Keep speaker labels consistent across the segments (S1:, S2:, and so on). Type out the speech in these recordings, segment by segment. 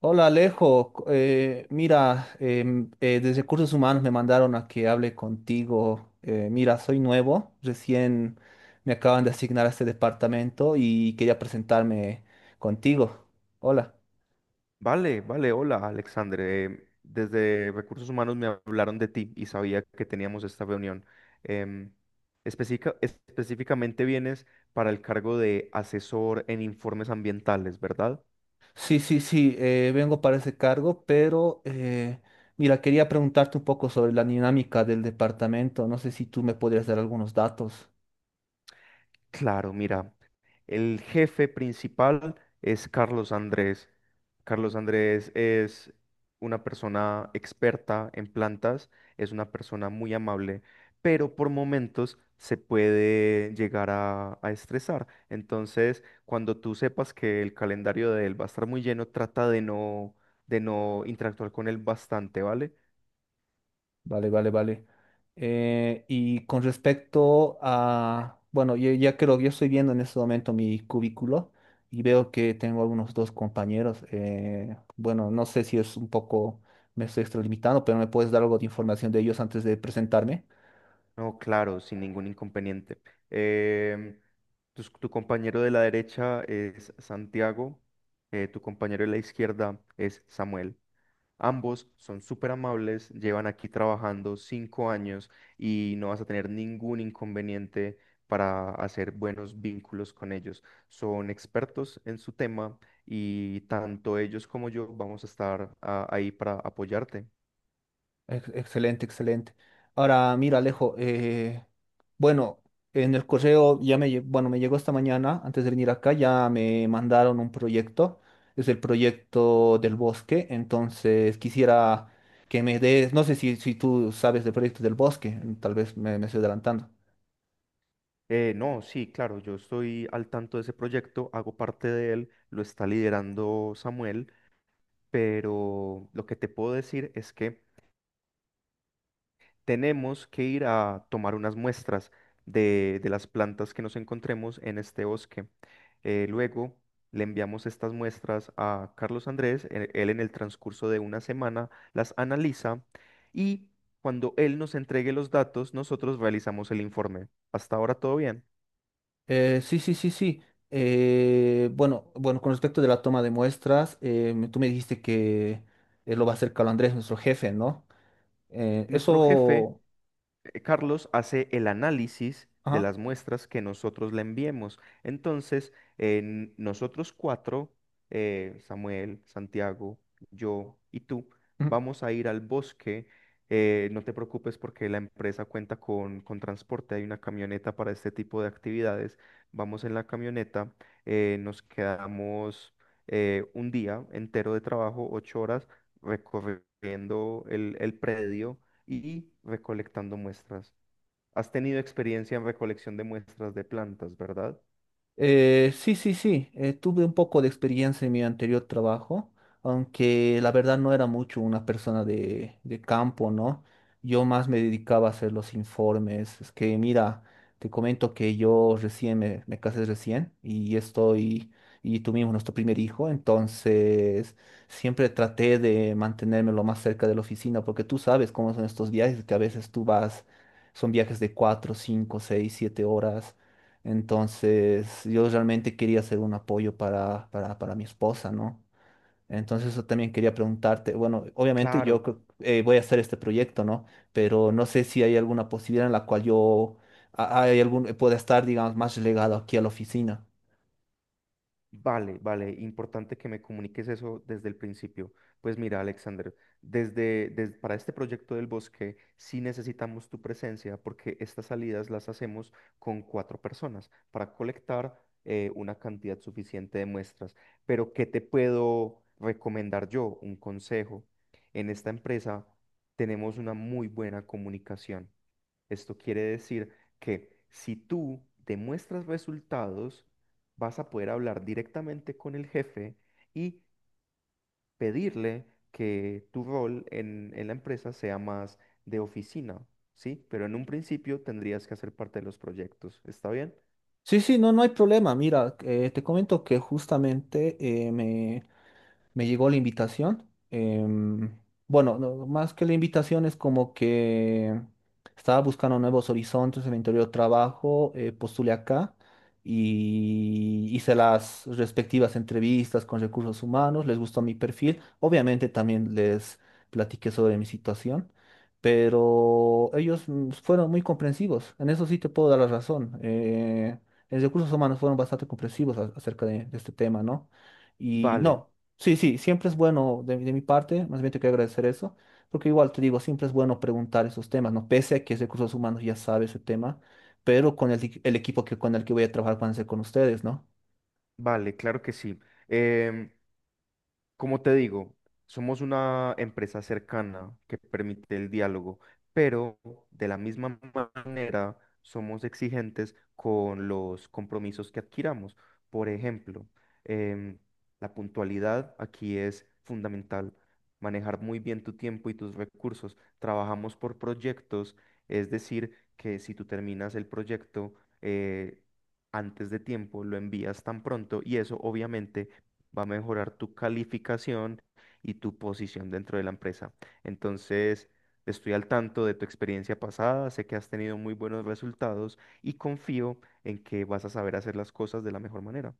S1: Hola Alejo, mira, desde Recursos Humanos me mandaron a que hable contigo. Mira, soy nuevo, recién me acaban de asignar a este departamento y quería presentarme contigo. Hola.
S2: Vale, vale, hola Alexander. Desde Recursos Humanos me hablaron de ti y sabía que teníamos esta reunión. Em, específicamente vienes para el cargo de asesor en informes ambientales, ¿verdad?
S1: Sí, sí, sí, vengo para ese cargo, pero mira, quería preguntarte un poco sobre la dinámica del departamento. No sé si tú me podrías dar algunos datos.
S2: Claro, mira, el jefe principal es Carlos Andrés. Carlos Andrés es una persona experta en plantas, es una persona muy amable, pero por momentos se puede llegar a estresar. Entonces, cuando tú sepas que el calendario de él va a estar muy lleno, trata de no interactuar con él bastante, ¿vale?
S1: Vale, vale, vale. Y con respecto a, bueno, yo ya creo, yo estoy viendo en este momento mi cubículo y veo que tengo algunos dos compañeros. Bueno, no sé si es un poco, me estoy extralimitando, pero me puedes dar algo de información de ellos antes de presentarme.
S2: No, claro, sin ningún inconveniente. Em, tu compañero de la derecha es Santiago, tu compañero de la izquierda es Samuel. Ambos son súper amables, llevan aquí trabajando 5 años y no vas a tener ningún inconveniente para hacer buenos vínculos con ellos. Son expertos en su tema y tanto ellos como yo vamos a estar ahí para apoyarte.
S1: Excelente, excelente. Ahora, mira, Alejo, bueno, en el correo ya me, bueno, me llegó esta mañana, antes de venir acá, ya me mandaron un proyecto, es el proyecto del bosque, entonces quisiera que me des, no sé si, si tú sabes del proyecto del bosque, tal vez me, me estoy adelantando.
S2: No, sí, claro, yo estoy al tanto de ese proyecto, hago parte de él, lo está liderando Samuel, pero lo que te puedo decir es que tenemos que ir a tomar unas muestras de las plantas que nos encontremos en este bosque. Luego le enviamos estas muestras a Carlos Andrés, él en el transcurso de una semana las analiza y cuando él nos entregue los datos, nosotros realizamos el informe. Hasta ahora todo bien.
S1: Sí, sí, sí, sí. Bueno, bueno, con respecto de la toma de muestras, tú me dijiste que lo va a hacer Carlos Andrés, nuestro jefe, ¿no? Eh,
S2: Nuestro jefe
S1: eso...
S2: Carlos hace el análisis de
S1: ajá.
S2: las muestras que nosotros le enviemos. Entonces, nosotros cuatro, Samuel, Santiago, yo y tú,
S1: Mm.
S2: vamos a ir al bosque. No te preocupes porque la empresa cuenta con transporte, hay una camioneta para este tipo de actividades. Vamos en la camioneta, nos quedamos un día entero de trabajo, 8 horas, recorriendo el predio y recolectando muestras. ¿Has tenido experiencia en recolección de muestras de plantas, verdad?
S1: Sí, sí, sí. Tuve un poco de experiencia en mi anterior trabajo, aunque la verdad no era mucho una persona de campo, ¿no? Yo más me dedicaba a hacer los informes. Es que, mira, te comento que yo recién me, me casé recién y estoy, y tuvimos nuestro primer hijo, entonces siempre traté de mantenerme lo más cerca de la oficina, porque tú sabes cómo son estos viajes, que a veces tú vas, son viajes de 4, 5, 6, 7 horas. Entonces, yo realmente quería hacer un apoyo para mi esposa, ¿no? Entonces, eso también quería preguntarte. Bueno, obviamente
S2: Claro,
S1: voy a hacer este proyecto, ¿no? Pero no sé si hay alguna posibilidad en la cual yo a- hay algún, pueda estar, digamos, más relegado aquí a la oficina.
S2: vale, vale, importante que me comuniques eso desde el principio. Pues mira, Alexander, desde, para este proyecto del bosque sí necesitamos tu presencia porque estas salidas las hacemos con cuatro personas para colectar una cantidad suficiente de muestras. Pero ¿qué te puedo recomendar yo? Un consejo. En esta empresa tenemos una muy buena comunicación. Esto quiere decir que si tú demuestras resultados, vas a poder hablar directamente con el jefe y pedirle que tu rol en la empresa sea más de oficina, ¿sí? Pero en un principio tendrías que hacer parte de los proyectos, ¿está bien?
S1: Sí, sí, no, no hay problema. Mira, te comento que justamente eh, me, me llegó la invitación. em, bueno, no, más que la invitación es como que estaba buscando nuevos horizontes en mi anterior trabajo, postulé acá y hice las respectivas entrevistas con Recursos Humanos, les gustó mi perfil. Obviamente también les platiqué sobre mi situación, pero ellos fueron muy comprensivos. En eso sí te puedo dar la razón. En Recursos Humanos fueron bastante comprensivos acerca de este tema, ¿no? Y
S2: Vale,
S1: no. Sí, sí, siempre es bueno de mi parte, más bien te quiero agradecer eso, porque igual te digo, siempre es bueno preguntar esos temas, ¿no? Pese a que es de Recursos Humanos ya sabe ese tema, pero con el equipo que, con el que voy a trabajar van a ser con ustedes, ¿no?
S2: vale, claro que sí. Em, como te digo, somos una empresa cercana que permite el diálogo, pero de la misma manera somos exigentes con los compromisos que adquiramos. Por ejemplo, em, la puntualidad aquí es fundamental. Manejar muy bien tu tiempo y tus recursos. Trabajamos por proyectos, es decir, que si tú terminas el proyecto eh, antes de tiempo, lo envías tan pronto y eso obviamente va a mejorar tu calificación y tu posición dentro de la empresa. Entonces, estoy al tanto de tu experiencia pasada, sé que has tenido muy buenos resultados y confío en que vas a saber hacer las cosas de la mejor manera.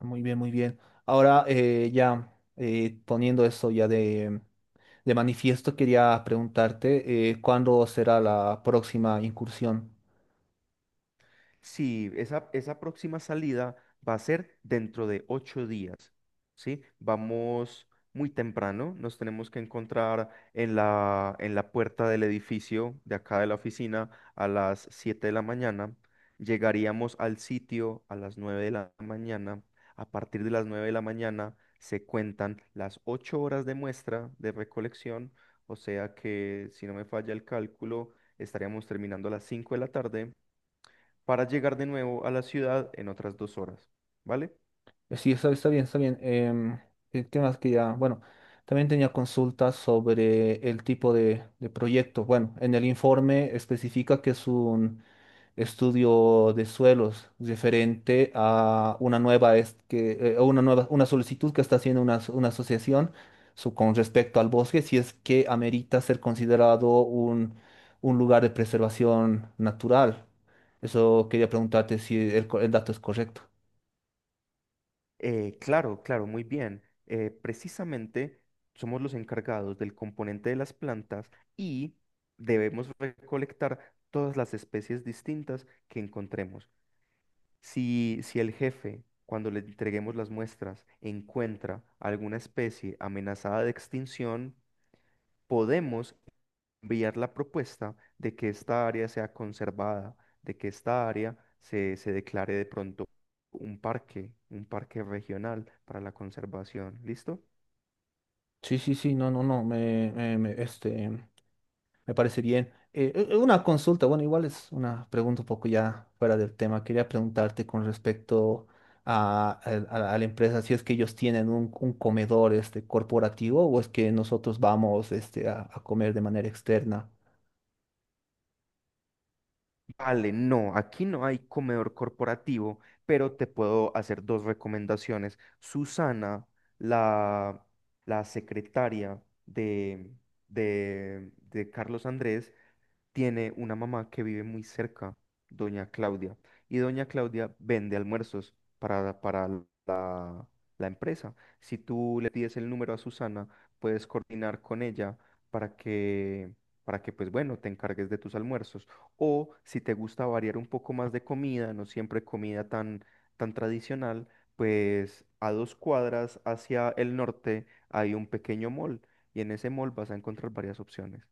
S1: Muy bien, muy bien. Ahora ya poniendo eso ya de manifiesto, quería preguntarte, ¿cuándo será la próxima incursión?
S2: Sí, esa próxima salida va a ser dentro de 8 días, ¿sí? Vamos muy temprano, nos tenemos que encontrar en la puerta del edificio de acá de la oficina a las 7 de la mañana. Llegaríamos al sitio a las 9 de la mañana. A partir de las 9 de la mañana se cuentan las 8 horas de muestra de recolección, o sea que si no me falla el cálculo, estaríamos terminando a las 5 de la tarde para llegar de nuevo a la ciudad en otras 2 horas, ¿vale?
S1: Sí, está, está bien, está bien. Em, ¿qué qué más que ya? Bueno, también tenía consultas sobre el tipo de proyecto. Bueno, en el informe especifica que es un estudio de suelos referente a una nueva, a una nueva, una solicitud que está haciendo una, una asociación con respecto al bosque, si es que amerita ser considerado un lugar de preservación natural. Eso quería preguntarte si el dato es correcto.
S2: Claro, claro, muy bien. Precisamente somos los encargados del componente de las plantas y debemos recolectar todas las especies distintas que encontremos. Si, si el jefe, cuando le entreguemos las muestras, encuentra alguna especie amenazada de extinción, podemos enviar la propuesta de que esta área sea conservada, de que esta área se, se declare de pronto un parque regional para la conservación. ¿Listo?
S1: Sí, sí, sí, no, no, no, me parece bien. Una consulta, bueno, igual es una pregunta un poco ya fuera del tema. Quería preguntarte con respecto a, al- a la empresa, si es que ellos tienen un comedor este, corporativo o es que nosotros vamos este, a comer de manera externa.
S2: Vale, no, aquí no hay comedor corporativo, pero te puedo hacer dos recomendaciones. Susana, la, la secretaria de Carlos Andrés, tiene una mamá que vive muy cerca, doña Claudia, y doña Claudia vende almuerzos para la, la empresa. Si tú le pides el número a Susana, puedes coordinar con ella para que, para que, pues bueno, te encargues de tus almuerzos. O si te gusta variar un poco más de comida, no siempre comida tan, tan tradicional, pues a dos cuadras hacia el norte hay un pequeño mall y en ese mall vas a encontrar varias opciones.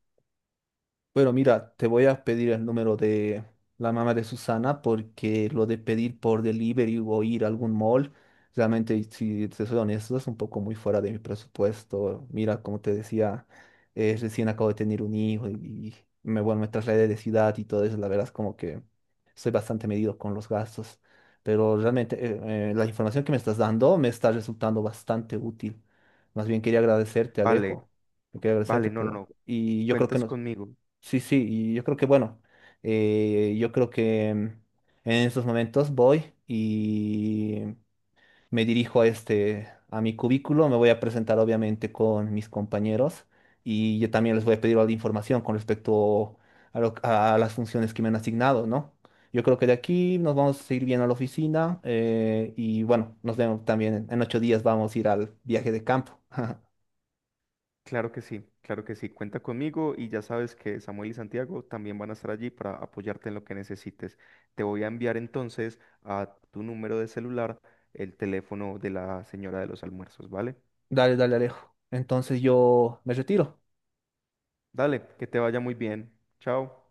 S1: Bueno, mira, te voy a pedir el número de la mamá de Susana porque lo de pedir por delivery o ir a algún mall, realmente, si te soy honesto, es un poco muy fuera de mi presupuesto. Mira, como te decía, recién acabo de tener un hijo y me, bueno, me trasladé de ciudad y todo eso, la verdad es como que soy bastante medido con los gastos, pero realmente la información que me estás dando me está resultando bastante útil. Más bien quería agradecerte,
S2: Vale,
S1: Alejo. Quería agradecerte
S2: vale, no, no,
S1: por...
S2: no.
S1: Y yo creo que
S2: Cuentas
S1: no.
S2: conmigo,
S1: Sí, sí, y yo creo que bueno, yo creo que en estos momentos voy y me dirijo a este, a mi cubículo, me voy a presentar obviamente con mis compañeros y yo también les voy a pedir la información con respecto a las funciones que me han asignado, ¿no? Yo creo que de aquí nos vamos a ir bien a la oficina y bueno, nos vemos también en 8 días, vamos a ir al viaje de campo.
S2: claro que sí, cuenta conmigo y ya sabes que Samuel y Santiago también van a estar allí para apoyarte en lo que necesites. Te voy a enviar entonces a tu número de celular el teléfono de la señora de los almuerzos, ¿vale?
S1: Dale, dale, Alejo. Entonces yo me retiro.
S2: Dale, que te vaya muy bien. Chao.